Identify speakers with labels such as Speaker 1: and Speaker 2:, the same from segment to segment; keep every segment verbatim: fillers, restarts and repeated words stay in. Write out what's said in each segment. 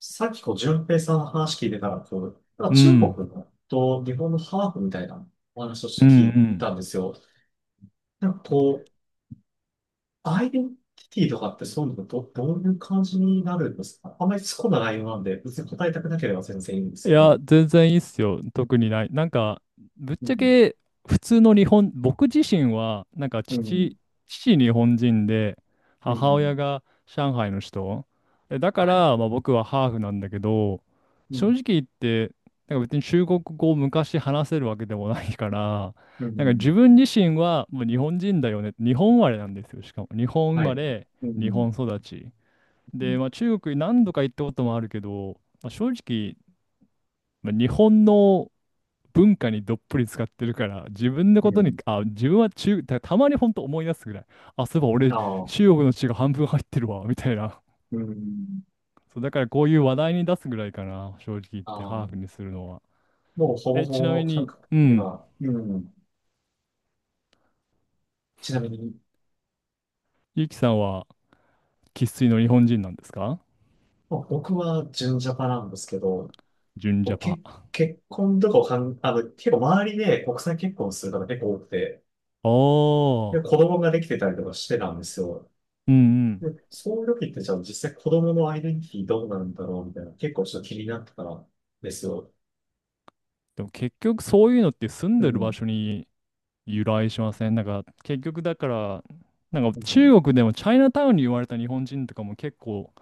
Speaker 1: さっきこう、淳平さんの話聞いてたら、こう、なん
Speaker 2: う
Speaker 1: か中国
Speaker 2: ん。
Speaker 1: のと日本のハーフみたいなお話をして
Speaker 2: う
Speaker 1: 聞
Speaker 2: んう
Speaker 1: いたん
Speaker 2: ん。
Speaker 1: ですよ。なんかこう、アイデンティティとかってそういうのど、どういう感じになるんですか？あんまり突っ込んだ内容なんで、別に答えたくなければ全然いいんです
Speaker 2: い
Speaker 1: け
Speaker 2: や、
Speaker 1: ど。
Speaker 2: 全然いいっすよ。特にない。なんか、ぶっ
Speaker 1: う
Speaker 2: ちゃ
Speaker 1: ん、
Speaker 2: け、普通の日本、僕自身は、なんか
Speaker 1: うん、
Speaker 2: 父、父日本人で、
Speaker 1: う
Speaker 2: 母
Speaker 1: ん、
Speaker 2: 親が上海の人。えだか
Speaker 1: はい。
Speaker 2: ら、まあ僕はハーフなんだけど、
Speaker 1: う
Speaker 2: 正
Speaker 1: ん、
Speaker 2: 直言って、なんか別に中国語を昔話せるわけでもないから、
Speaker 1: う
Speaker 2: なんか自
Speaker 1: ん、
Speaker 2: 分自身はもう日本人だよね。日本生まれなんですよ。しかも、日本生
Speaker 1: は
Speaker 2: ま
Speaker 1: い。
Speaker 2: れ、
Speaker 1: う
Speaker 2: 日
Speaker 1: ん、
Speaker 2: 本育ち。で、まあ、中国に何度か行ったこともあるけど、まあ、正直、まあ、日本の文化にどっぷり使ってるから、自分の
Speaker 1: う
Speaker 2: こ
Speaker 1: ん、う
Speaker 2: とに、
Speaker 1: ん。
Speaker 2: あ、自分は中、た、たまに本当思い出すぐらい、あ、そういえば俺、
Speaker 1: ああ、
Speaker 2: 中国の血が半分入ってるわ、みたいな。
Speaker 1: うん、
Speaker 2: そう、だからこういう話題に出すぐらいかな、正直言っ
Speaker 1: あ
Speaker 2: て、
Speaker 1: あ、
Speaker 2: ハーフにするのは。
Speaker 1: もうほぼ
Speaker 2: え、
Speaker 1: ほ
Speaker 2: ちなみ
Speaker 1: ぼ感
Speaker 2: に、
Speaker 1: 覚
Speaker 2: う
Speaker 1: に
Speaker 2: ん、
Speaker 1: は、うん、ちなみに。
Speaker 2: ゆきさんは生粋の日本人なんですか？
Speaker 1: まあ僕は純ジャパなんですけど、
Speaker 2: 純
Speaker 1: こ
Speaker 2: ジ
Speaker 1: う
Speaker 2: ャパ。
Speaker 1: け結婚とかをかん、あの、結構周りで国際結婚する方結構多くて、
Speaker 2: お
Speaker 1: で、子
Speaker 2: ー、
Speaker 1: 供ができてたりとかしてたんですよ。
Speaker 2: うんうん。
Speaker 1: で、そういう時ってじゃあ実際子供のアイデンティティどうなんだろうみたいな、結構ちょっと気になってたんですよ。
Speaker 2: でも結局そういうのって住ん
Speaker 1: う
Speaker 2: でる場
Speaker 1: ん。
Speaker 2: 所に由来しません？なんか結局だから、なんか
Speaker 1: うん。
Speaker 2: 中国でもチャイナタウンに言われた日本人とかも結構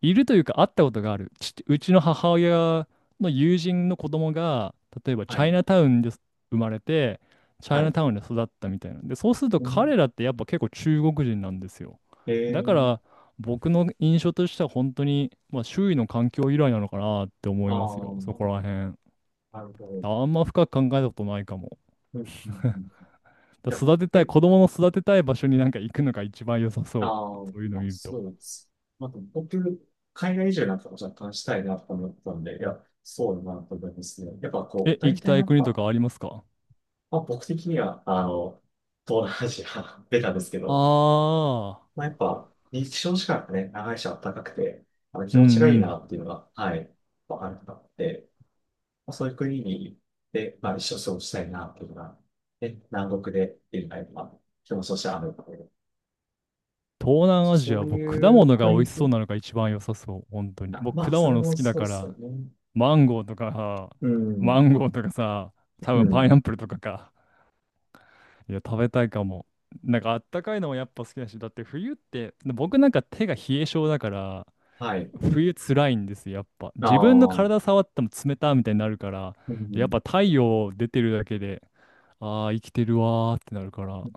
Speaker 2: いるというか会ったことがある。ちうちの母親の友人の子供が、例えば
Speaker 1: は
Speaker 2: チャイ
Speaker 1: い。
Speaker 2: ナタウンで生まれて、チャ
Speaker 1: は
Speaker 2: イナ
Speaker 1: い。
Speaker 2: タウンで育ったみたいな。で、そうすると
Speaker 1: うん、
Speaker 2: 彼らってやっぱ結構中国人なんですよ。
Speaker 1: え
Speaker 2: だか
Speaker 1: ー、
Speaker 2: ら僕の印象としては本当に、まあ、周囲の環境由来なのかなって思
Speaker 1: あ
Speaker 2: いますよ。
Speaker 1: あ、
Speaker 2: そこら辺。
Speaker 1: なるほど。
Speaker 2: あんま深く考えたことないかも。
Speaker 1: うん、うん、うん。い
Speaker 2: だ
Speaker 1: や、
Speaker 2: から育てたい、
Speaker 1: 結
Speaker 2: 子供の育てたい場所になんか行くのが一番良さ
Speaker 1: あ
Speaker 2: そう。
Speaker 1: ー
Speaker 2: そういうの
Speaker 1: まあ、
Speaker 2: 見ると。
Speaker 1: そうです。まあ、でも僕、海外移住なんかも若干したいなと思ったんで、いや、そうだなと思いますね。やっぱこう、
Speaker 2: え、
Speaker 1: 大
Speaker 2: 行き
Speaker 1: 体
Speaker 2: た
Speaker 1: や
Speaker 2: い
Speaker 1: っ
Speaker 2: 国と
Speaker 1: ぱ、
Speaker 2: かありますか？
Speaker 1: まあ、僕的には、あの、東南アジア出た ですけど、
Speaker 2: あ
Speaker 1: まあ、
Speaker 2: あ
Speaker 1: やっぱ、日照時間がね、長いし暖かくて、あの、気
Speaker 2: ー、うん
Speaker 1: 持ちがい
Speaker 2: う
Speaker 1: いな
Speaker 2: ん。
Speaker 1: っていうのが、はい、わかるなって、まあ、そういう国に、で、まあ、一生過ごしたいなっていうのが、ね、南国で、っていうのが、まあ、気持ちとしてあるので、
Speaker 2: 東南アジ
Speaker 1: そ
Speaker 2: ア、
Speaker 1: う
Speaker 2: 僕、
Speaker 1: い
Speaker 2: 果
Speaker 1: う
Speaker 2: 物が美
Speaker 1: 国っ
Speaker 2: 味しそ
Speaker 1: て
Speaker 2: うなのが一番良さそう。本当に。
Speaker 1: あま
Speaker 2: 僕、
Speaker 1: あ、
Speaker 2: 果
Speaker 1: それ
Speaker 2: 物好
Speaker 1: も
Speaker 2: きだ
Speaker 1: そうで
Speaker 2: か
Speaker 1: すよ
Speaker 2: ら、
Speaker 1: ね。
Speaker 2: マンゴーとかさ、
Speaker 1: う
Speaker 2: マ
Speaker 1: ん。
Speaker 2: ンゴーとかさ、多
Speaker 1: う
Speaker 2: 分パイ
Speaker 1: ん。
Speaker 2: ナップルとかか。いや、食べたいかも。なんかあったかいのもやっぱ好きだし、だって冬って、僕なんか手が冷え性だから、
Speaker 1: はい。
Speaker 2: 冬辛いんですよ、やっぱ。
Speaker 1: あ
Speaker 2: 自分の
Speaker 1: あ、う
Speaker 2: 体触っても冷たみたいになるから、やっ
Speaker 1: ん。
Speaker 2: ぱ太陽出てるだけで、ああ、生きてるわーってなるから。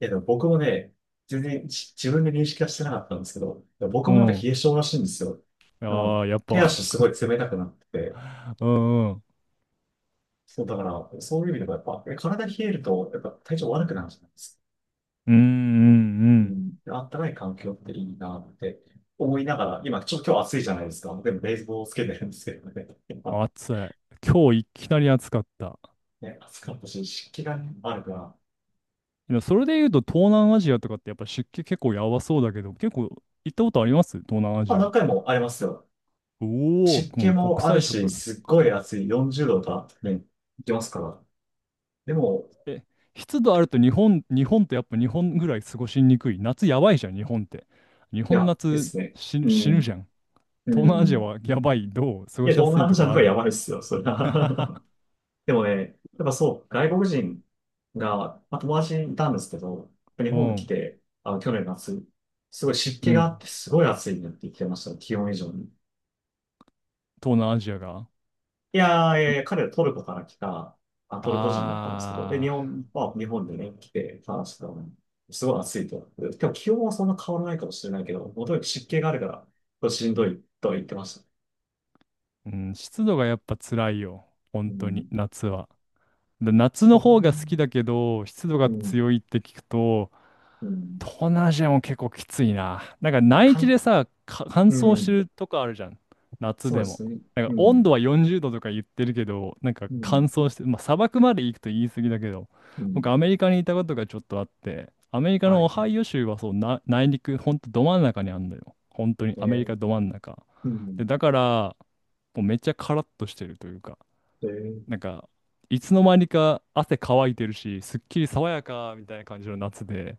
Speaker 1: いや、でも僕もね、全然じ自分で認識はしてなかったんですけど、でも僕
Speaker 2: う
Speaker 1: もなんか
Speaker 2: ん。
Speaker 1: 冷え性らしいんですよ。あ
Speaker 2: ああ、
Speaker 1: の、
Speaker 2: やっ
Speaker 1: 手
Speaker 2: ぱ。
Speaker 1: 足すごい冷たくなってて、
Speaker 2: うんうん。
Speaker 1: そう、だから、そういう意味でもやっぱ、え体冷えると、やっぱ体調悪くなるじゃないですか。
Speaker 2: うんう
Speaker 1: う
Speaker 2: ん
Speaker 1: ん。であったかい環境っていいなって思いながら、今、ちょ、今日暑いじゃないですか。でも、冷房をつけてるんですけどね。やっ
Speaker 2: うん。
Speaker 1: ぱ、
Speaker 2: 暑い。今日いきなり暑かった。
Speaker 1: ね、暑かったし、湿気がねあるから、
Speaker 2: でもそれで言うと東南アジアとかってやっぱ湿気結構やばそうだけど、結構行ったことあります？東南ア
Speaker 1: まあ、
Speaker 2: ジ
Speaker 1: 何
Speaker 2: ア。
Speaker 1: 回もありますよ。
Speaker 2: おお、
Speaker 1: 湿気
Speaker 2: もう国
Speaker 1: もある
Speaker 2: 際
Speaker 1: し、
Speaker 2: 色。
Speaker 1: すっごい暑い、よんじゅうどとかね、いきますから。でも、
Speaker 2: え、湿度あると日本、日本ってやっぱ日本ぐらい過ごしにくい。夏やばいじゃん、日本って。日
Speaker 1: い
Speaker 2: 本
Speaker 1: や、
Speaker 2: の
Speaker 1: で
Speaker 2: 夏
Speaker 1: すね。
Speaker 2: 死
Speaker 1: う
Speaker 2: ぬ、死ぬ
Speaker 1: ん、
Speaker 2: じゃん。
Speaker 1: う
Speaker 2: 東南アジア
Speaker 1: ん。
Speaker 2: はやばい。どう？過
Speaker 1: い
Speaker 2: ご
Speaker 1: や、
Speaker 2: しや
Speaker 1: 東
Speaker 2: すい
Speaker 1: 南ア
Speaker 2: と
Speaker 1: ジア
Speaker 2: こ
Speaker 1: の
Speaker 2: あ
Speaker 1: 方がや
Speaker 2: る？
Speaker 1: ばいっすよ、それは。でもね、やっぱそう、外国人が、まあ、友達いたんですけど、日
Speaker 2: う
Speaker 1: 本に来
Speaker 2: ん。
Speaker 1: て、あの、去年の夏、すごい湿
Speaker 2: う
Speaker 1: 気があ
Speaker 2: ん。
Speaker 1: って、すごい暑いねって言ってました、気温以上に。
Speaker 2: 東南アジアが。
Speaker 1: いやー、いやい
Speaker 2: い
Speaker 1: や、彼はトルコから来た、あ、トルコ人だったんですけど、で、日
Speaker 2: あ
Speaker 1: 本、まあ、日本でね、来て話してたのに、すごい暑いと。で今日気温はそんな変わらないかもしれないけど、もとに湿気があるから、これしんどいとは言ってました。
Speaker 2: ー、うん、湿度がやっぱ辛いよ。
Speaker 1: う
Speaker 2: 本当に、
Speaker 1: ん。
Speaker 2: 夏は。で夏の
Speaker 1: そうだ
Speaker 2: 方が
Speaker 1: ね。
Speaker 2: 好きだけど、湿度
Speaker 1: う
Speaker 2: が
Speaker 1: ん。
Speaker 2: 強いって聞くと、
Speaker 1: うん。
Speaker 2: 東南アジアも結構きついな。なんか
Speaker 1: まあ、
Speaker 2: 内
Speaker 1: か
Speaker 2: 地
Speaker 1: ん、
Speaker 2: でさ、か乾
Speaker 1: う
Speaker 2: 燥して
Speaker 1: ん。
Speaker 2: るとこあるじゃん。夏
Speaker 1: そうで
Speaker 2: でも。
Speaker 1: すね。
Speaker 2: なんか
Speaker 1: う
Speaker 2: 温度
Speaker 1: ん。
Speaker 2: はよんじゅうどとか言ってるけど、なんか
Speaker 1: う
Speaker 2: 乾
Speaker 1: ん。
Speaker 2: 燥して、まあ砂漠まで行くと言い過ぎだけど、
Speaker 1: うん。
Speaker 2: 僕アメリカにいたことがちょっとあって、アメリカ
Speaker 1: は
Speaker 2: のオ
Speaker 1: い。
Speaker 2: ハイオ州はそう、な、内陸、ほんとど真ん中にあんのよ。本当に
Speaker 1: え
Speaker 2: アメリ
Speaker 1: ー、
Speaker 2: カど真ん中。
Speaker 1: う
Speaker 2: で、
Speaker 1: ん。
Speaker 2: だから、もうめっちゃカラッとしてるというか、
Speaker 1: で、
Speaker 2: なんか、いつの間にか汗乾いてるし、すっきり爽やかみたいな感じの夏で、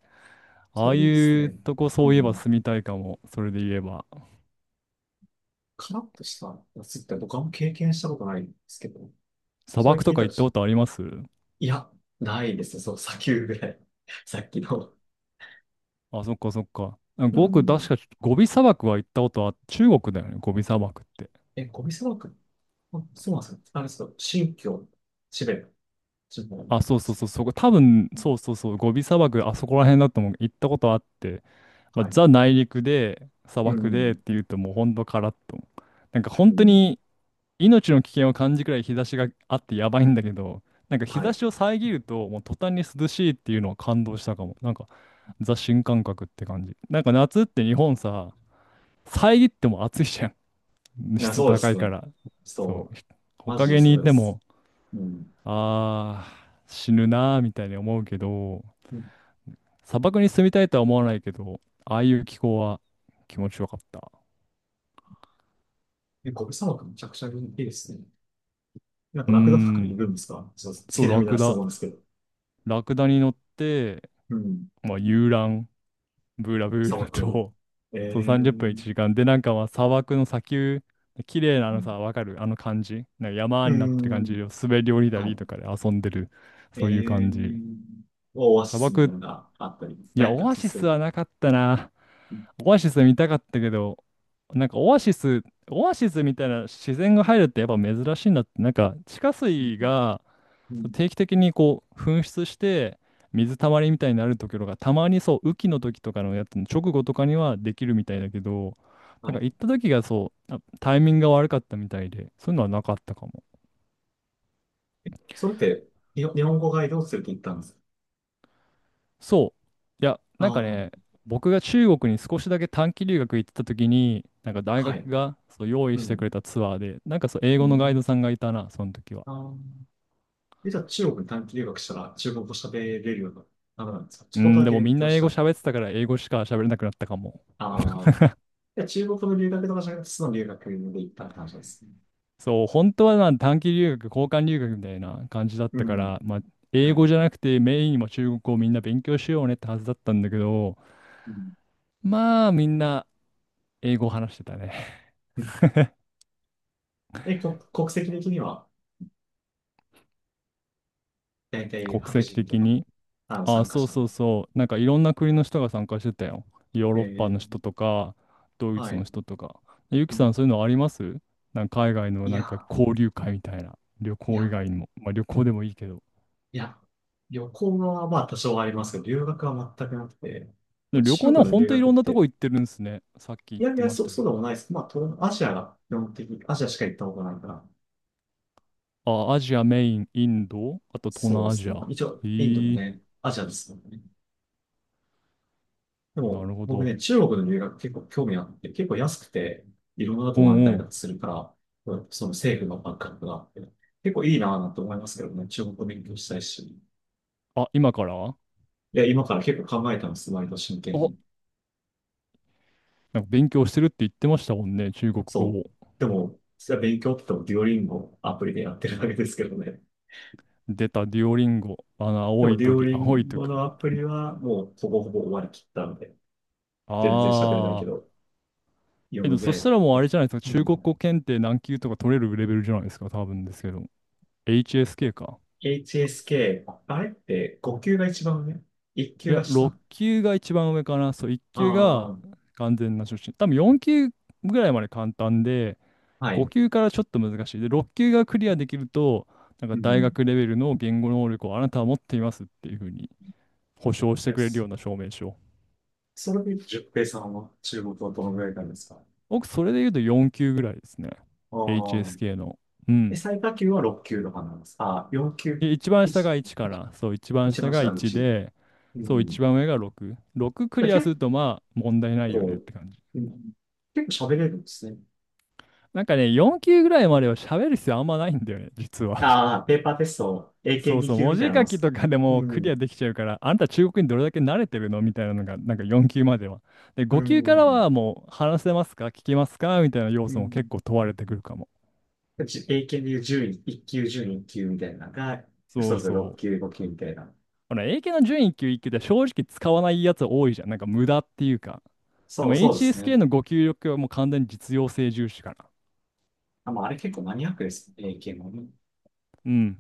Speaker 1: そ
Speaker 2: ああ
Speaker 1: れいいです
Speaker 2: いう
Speaker 1: ね。
Speaker 2: とこ
Speaker 1: う
Speaker 2: そういえば
Speaker 1: ん。
Speaker 2: 住みたいかも。それで言えば。
Speaker 1: カラッとした夏って僕はあんま経験したことないんですけど、
Speaker 2: 砂
Speaker 1: それ
Speaker 2: 漠
Speaker 1: 聞
Speaker 2: と
Speaker 1: い
Speaker 2: か
Speaker 1: たら
Speaker 2: 行った
Speaker 1: ち
Speaker 2: こ
Speaker 1: ょっ
Speaker 2: とあります？
Speaker 1: いや、ないですね。そう、砂丘ぐらい。さっきの。
Speaker 2: あ、そっかそっか。
Speaker 1: う
Speaker 2: ごく確
Speaker 1: ん。
Speaker 2: かゴビ砂漠は行ったことは中国だよね。ゴビ砂漠って。
Speaker 1: え、ゴビ砂漠。あ、そうなんですか？あれです新疆、チベット、地方に
Speaker 2: あ、
Speaker 1: なりま
Speaker 2: そうそう
Speaker 1: す
Speaker 2: そ
Speaker 1: ね。
Speaker 2: う、そこ、多分、
Speaker 1: うん。
Speaker 2: そうそうそう、ゴビ砂漠、あそこら辺だと思う。行ったことあって、まあ、
Speaker 1: はい。
Speaker 2: ザ内陸で、砂
Speaker 1: う
Speaker 2: 漠でっ
Speaker 1: ん。
Speaker 2: ていうともうほんとカラッと。なんか
Speaker 1: う
Speaker 2: 本当
Speaker 1: ん。
Speaker 2: に命の危険を感じくらい日差しがあってやばいんだけど、なんか日
Speaker 1: は
Speaker 2: 差
Speaker 1: い。
Speaker 2: しを遮ると、もう途端に涼しいっていうのは感動したかも。なんか、ザ新感覚って感じ。なんか夏って日本さ、遮っても暑いじゃん。
Speaker 1: いや、
Speaker 2: 湿
Speaker 1: そう
Speaker 2: 度
Speaker 1: で
Speaker 2: 高
Speaker 1: す
Speaker 2: いか
Speaker 1: ね。
Speaker 2: ら。そ
Speaker 1: そ
Speaker 2: う。
Speaker 1: う。
Speaker 2: ひ木
Speaker 1: マジで
Speaker 2: 陰に
Speaker 1: そう
Speaker 2: い
Speaker 1: で
Speaker 2: て
Speaker 1: す。
Speaker 2: も、
Speaker 1: うん。
Speaker 2: あー、死ぬなーみたいに思うけど、
Speaker 1: うん。
Speaker 2: 砂漠に住みたいとは思わないけど、ああいう気候は気持ちよかった。
Speaker 1: え、ゴビ砂漠めちゃくちゃいいですね。なんか
Speaker 2: うー
Speaker 1: ラクダとかい
Speaker 2: ん。
Speaker 1: るんですか？そう、
Speaker 2: そ
Speaker 1: 月
Speaker 2: う、
Speaker 1: 並
Speaker 2: ラ
Speaker 1: みだ
Speaker 2: ク
Speaker 1: と
Speaker 2: ダ。
Speaker 1: 思うんですけど。
Speaker 2: ラクダに乗って、
Speaker 1: うん。
Speaker 2: まあ、遊覧。ブーラブ
Speaker 1: 砂
Speaker 2: ーラ
Speaker 1: 漠の。
Speaker 2: と、
Speaker 1: え
Speaker 2: そう
Speaker 1: ー。
Speaker 2: さんじゅっぷん
Speaker 1: う
Speaker 2: いちじかん。で、なんかまあ砂漠の砂丘、綺麗なあのさ、
Speaker 1: ん。
Speaker 2: わかるあの感じ。なんか山
Speaker 1: う
Speaker 2: になってる感
Speaker 1: ん。
Speaker 2: じを滑り降りた
Speaker 1: は
Speaker 2: り
Speaker 1: い。
Speaker 2: とかで遊んでる。
Speaker 1: ええ
Speaker 2: そういう感じ。
Speaker 1: ー、オアシ
Speaker 2: 砂
Speaker 1: スみ
Speaker 2: 漠
Speaker 1: たい
Speaker 2: っ
Speaker 1: なのがあったり、
Speaker 2: いや、
Speaker 1: 何か
Speaker 2: オア
Speaker 1: さ
Speaker 2: シ
Speaker 1: せ
Speaker 2: ス
Speaker 1: る。
Speaker 2: はなかったな。
Speaker 1: うん。
Speaker 2: オアシス見たかったけど、なんかオアシス、オアシスみたいな自然が入るってやっぱ珍しいんだって、なんか地下
Speaker 1: う
Speaker 2: 水
Speaker 1: ん。
Speaker 2: が
Speaker 1: うん。
Speaker 2: 定期的にこう噴出して水たまりみたいになるところがたまにそう雨季の時とかのやつの直後とかにはできるみたいだけど、
Speaker 1: は
Speaker 2: なんか
Speaker 1: い。
Speaker 2: 行った時がそう、あタイミングが悪かったみたいで、そういうのはなかったかも。
Speaker 1: それって、日本日本語ガイドを連れて行ったんですか？
Speaker 2: そう。いや、なんか
Speaker 1: ああ、
Speaker 2: ね、僕が中国に少しだけ短期留学行ってた時に、なんか大
Speaker 1: は
Speaker 2: 学
Speaker 1: い。
Speaker 2: がそう用意
Speaker 1: う
Speaker 2: してく
Speaker 1: ん。
Speaker 2: れたツアーで、なんかそう英
Speaker 1: う
Speaker 2: 語のガイド
Speaker 1: ん。
Speaker 2: さんがいたな、その時は。
Speaker 1: あー。え、じゃあ中国に短期留学したら中国語喋れるような、あれなんですか？ち
Speaker 2: う
Speaker 1: ょっと
Speaker 2: ん、
Speaker 1: だ
Speaker 2: で
Speaker 1: け
Speaker 2: も
Speaker 1: 勉
Speaker 2: みん
Speaker 1: 強
Speaker 2: な
Speaker 1: し
Speaker 2: 英
Speaker 1: た
Speaker 2: 語
Speaker 1: ら。
Speaker 2: 喋ってたから英語しか喋れなくなったかも。
Speaker 1: ああ。いや、中国の留学とかじゃなくて、その留学で行ったって話ですね。
Speaker 2: そう、本当はな短期留学、交換留学みたいな感じだっ
Speaker 1: う
Speaker 2: たか
Speaker 1: ん。
Speaker 2: ら、まあ、英
Speaker 1: は
Speaker 2: 語じゃ
Speaker 1: い。
Speaker 2: なくてメインにも中国語をみんな勉強しようねってはずだったんだけど、
Speaker 1: うん。
Speaker 2: まあみんな英語を話してたね。
Speaker 1: え、こ、国籍的には、大体
Speaker 2: 国
Speaker 1: 白
Speaker 2: 籍
Speaker 1: 人と
Speaker 2: 的
Speaker 1: か、
Speaker 2: に。
Speaker 1: あの、
Speaker 2: あ、
Speaker 1: 参加
Speaker 2: そう
Speaker 1: 者
Speaker 2: そ
Speaker 1: の。
Speaker 2: うそう。なんかいろんな国の人が参加してたよ。ヨー
Speaker 1: え
Speaker 2: ロッパの人
Speaker 1: え、
Speaker 2: とか、ドイ
Speaker 1: は
Speaker 2: ツの
Speaker 1: い。
Speaker 2: 人とか。ゆき
Speaker 1: う
Speaker 2: さん、
Speaker 1: ん。
Speaker 2: そういうのあります？なんか海外の
Speaker 1: い
Speaker 2: なんか
Speaker 1: や、
Speaker 2: 交流会みたいな。旅
Speaker 1: い
Speaker 2: 行以
Speaker 1: や、
Speaker 2: 外にも。まあ旅行でもいいけど。
Speaker 1: いや、旅行はまあ多少はありますけど、留学は全くなくて、
Speaker 2: で旅行
Speaker 1: 中
Speaker 2: でも
Speaker 1: 国の
Speaker 2: 本
Speaker 1: 留
Speaker 2: 当い
Speaker 1: 学
Speaker 2: ろ
Speaker 1: っ
Speaker 2: んなと
Speaker 1: て、
Speaker 2: こ行ってるんですね。さっき言
Speaker 1: い
Speaker 2: っ
Speaker 1: やい
Speaker 2: て
Speaker 1: や、
Speaker 2: まし
Speaker 1: そ、
Speaker 2: たけ
Speaker 1: そうでもないです。まあ、東南アジアが基本的に、アジアしか行ったことないから、
Speaker 2: ど。あ、アジアメイン、インド、あと東
Speaker 1: そうで
Speaker 2: 南ア
Speaker 1: す
Speaker 2: ジア。
Speaker 1: ね。まあ、一応、インドも
Speaker 2: へえ、
Speaker 1: ね、アジアですもんね。で
Speaker 2: な
Speaker 1: も、
Speaker 2: るほ
Speaker 1: 僕
Speaker 2: ど。
Speaker 1: ね、中国の留学結構興味あって、結構安くて、いろんなと
Speaker 2: う
Speaker 1: こ回れ
Speaker 2: ん
Speaker 1: た
Speaker 2: う
Speaker 1: りとか
Speaker 2: ん。
Speaker 1: するから、その政府のバックアップがあって、結構いいなぁなんて思いますけどね、中国語勉強したいし。
Speaker 2: あ、今から？あ、
Speaker 1: いや、今から結構考えたんです、割と真剣に。
Speaker 2: なんか勉強してるって言ってましたもんね、中国語
Speaker 1: そう。
Speaker 2: を。
Speaker 1: でも、実は勉強って言ってもデュオリンゴアプリでやってるわけですけどね。
Speaker 2: 出たデュオリンゴ、あの、
Speaker 1: で
Speaker 2: 青
Speaker 1: も、
Speaker 2: い
Speaker 1: デュオ
Speaker 2: 鳥、
Speaker 1: リ
Speaker 2: 青い
Speaker 1: ン
Speaker 2: 鳥。
Speaker 1: ゴのアプリはもうほぼほぼ終わりきったので、全然喋れないけ
Speaker 2: ああ。
Speaker 1: ど、読
Speaker 2: えっ
Speaker 1: む
Speaker 2: と、
Speaker 1: ぐ
Speaker 2: そ
Speaker 1: らい
Speaker 2: し
Speaker 1: だっ
Speaker 2: たらも
Speaker 1: た
Speaker 2: うあ
Speaker 1: ね。
Speaker 2: れじゃないですか。
Speaker 1: う
Speaker 2: 中国
Speaker 1: ん。
Speaker 2: 語検定何級とか取れるレベルじゃないですか。多分ですけど。エイチエスケー か。
Speaker 1: エイチエスケー、あれってごきゅう級が一番上
Speaker 2: い
Speaker 1: ?いっきゅう 級
Speaker 2: や、
Speaker 1: が下？あ
Speaker 2: ろっきゅう級が一番上かな。そう、
Speaker 1: あ
Speaker 2: いっきゅう級が
Speaker 1: ー、
Speaker 2: 完全な初心。多分よんきゅう級ぐらいまで簡単で、
Speaker 1: はい。
Speaker 2: ごきゅう級からちょっと難しい。で、ろっきゅう級がクリアできると、なんか
Speaker 1: う
Speaker 2: 大
Speaker 1: ん。
Speaker 2: 学レベルの言語能力をあなたは持っていますっていうふうに保証して
Speaker 1: い
Speaker 2: くれるよ
Speaker 1: し。
Speaker 2: うな証明書。
Speaker 1: そそれで、十平さんは中国はどのぐらいなんですか？
Speaker 2: 僕、それで言うとよんきゅう級ぐらいですね。
Speaker 1: ああー。
Speaker 2: エイチエスケー の。う
Speaker 1: え、
Speaker 2: ん。
Speaker 1: 最下級はろっきゅう級とかなんですああ、よんきゅう級。
Speaker 2: い一番下
Speaker 1: 一、
Speaker 2: がいちから、そう、一番
Speaker 1: 一
Speaker 2: 下
Speaker 1: 番
Speaker 2: が
Speaker 1: 下がう
Speaker 2: いち
Speaker 1: ち。
Speaker 2: で、
Speaker 1: う
Speaker 2: そう、一
Speaker 1: ん。
Speaker 2: 番上がろく。ろくク
Speaker 1: だ
Speaker 2: リ
Speaker 1: か
Speaker 2: ア
Speaker 1: ら
Speaker 2: す
Speaker 1: 結
Speaker 2: ると、まあ、問題ないよねっ
Speaker 1: こ
Speaker 2: て感じ。
Speaker 1: ううん、結構喋れるんですね。
Speaker 2: なんかね、よんきゅう級ぐらいまでは喋る必要あんまないんだよね、実は。
Speaker 1: ああ、ペーパーテスト、
Speaker 2: そうそ
Speaker 1: エーケーツー
Speaker 2: う、
Speaker 1: 級
Speaker 2: 文
Speaker 1: みたい
Speaker 2: 字
Speaker 1: なもん
Speaker 2: 書
Speaker 1: で
Speaker 2: き
Speaker 1: す。
Speaker 2: とかで
Speaker 1: う
Speaker 2: もクリア
Speaker 1: ん、
Speaker 2: できちゃうから、あんた中国にどれだけ慣れてるのみたいなのが、なんかよんきゅう級までは。で、
Speaker 1: う
Speaker 2: ごきゅう級から
Speaker 1: ん、
Speaker 2: はもう、話せますか聞けますかみたいな要
Speaker 1: う
Speaker 2: 素も結
Speaker 1: ん。
Speaker 2: 構問われてくるかも。
Speaker 1: じ エーケー でいうじゅう いっ級、じゅう いっ級みたいなのが、
Speaker 2: そ
Speaker 1: そ
Speaker 2: う
Speaker 1: れぞれろっ
Speaker 2: そう。
Speaker 1: 級、ご級みたいな。
Speaker 2: ほら、英検の準じゅんいっきゅう級いっきゅう級って正直使わないやつ多いじゃん。なんか無駄っていうか。で
Speaker 1: そう、
Speaker 2: も
Speaker 1: そうですね。
Speaker 2: エイチエスケー のご給力はもう完全に実用性重視かな。
Speaker 1: あ、まあ、あれ結構マニアックです。エーケー もね。
Speaker 2: うん。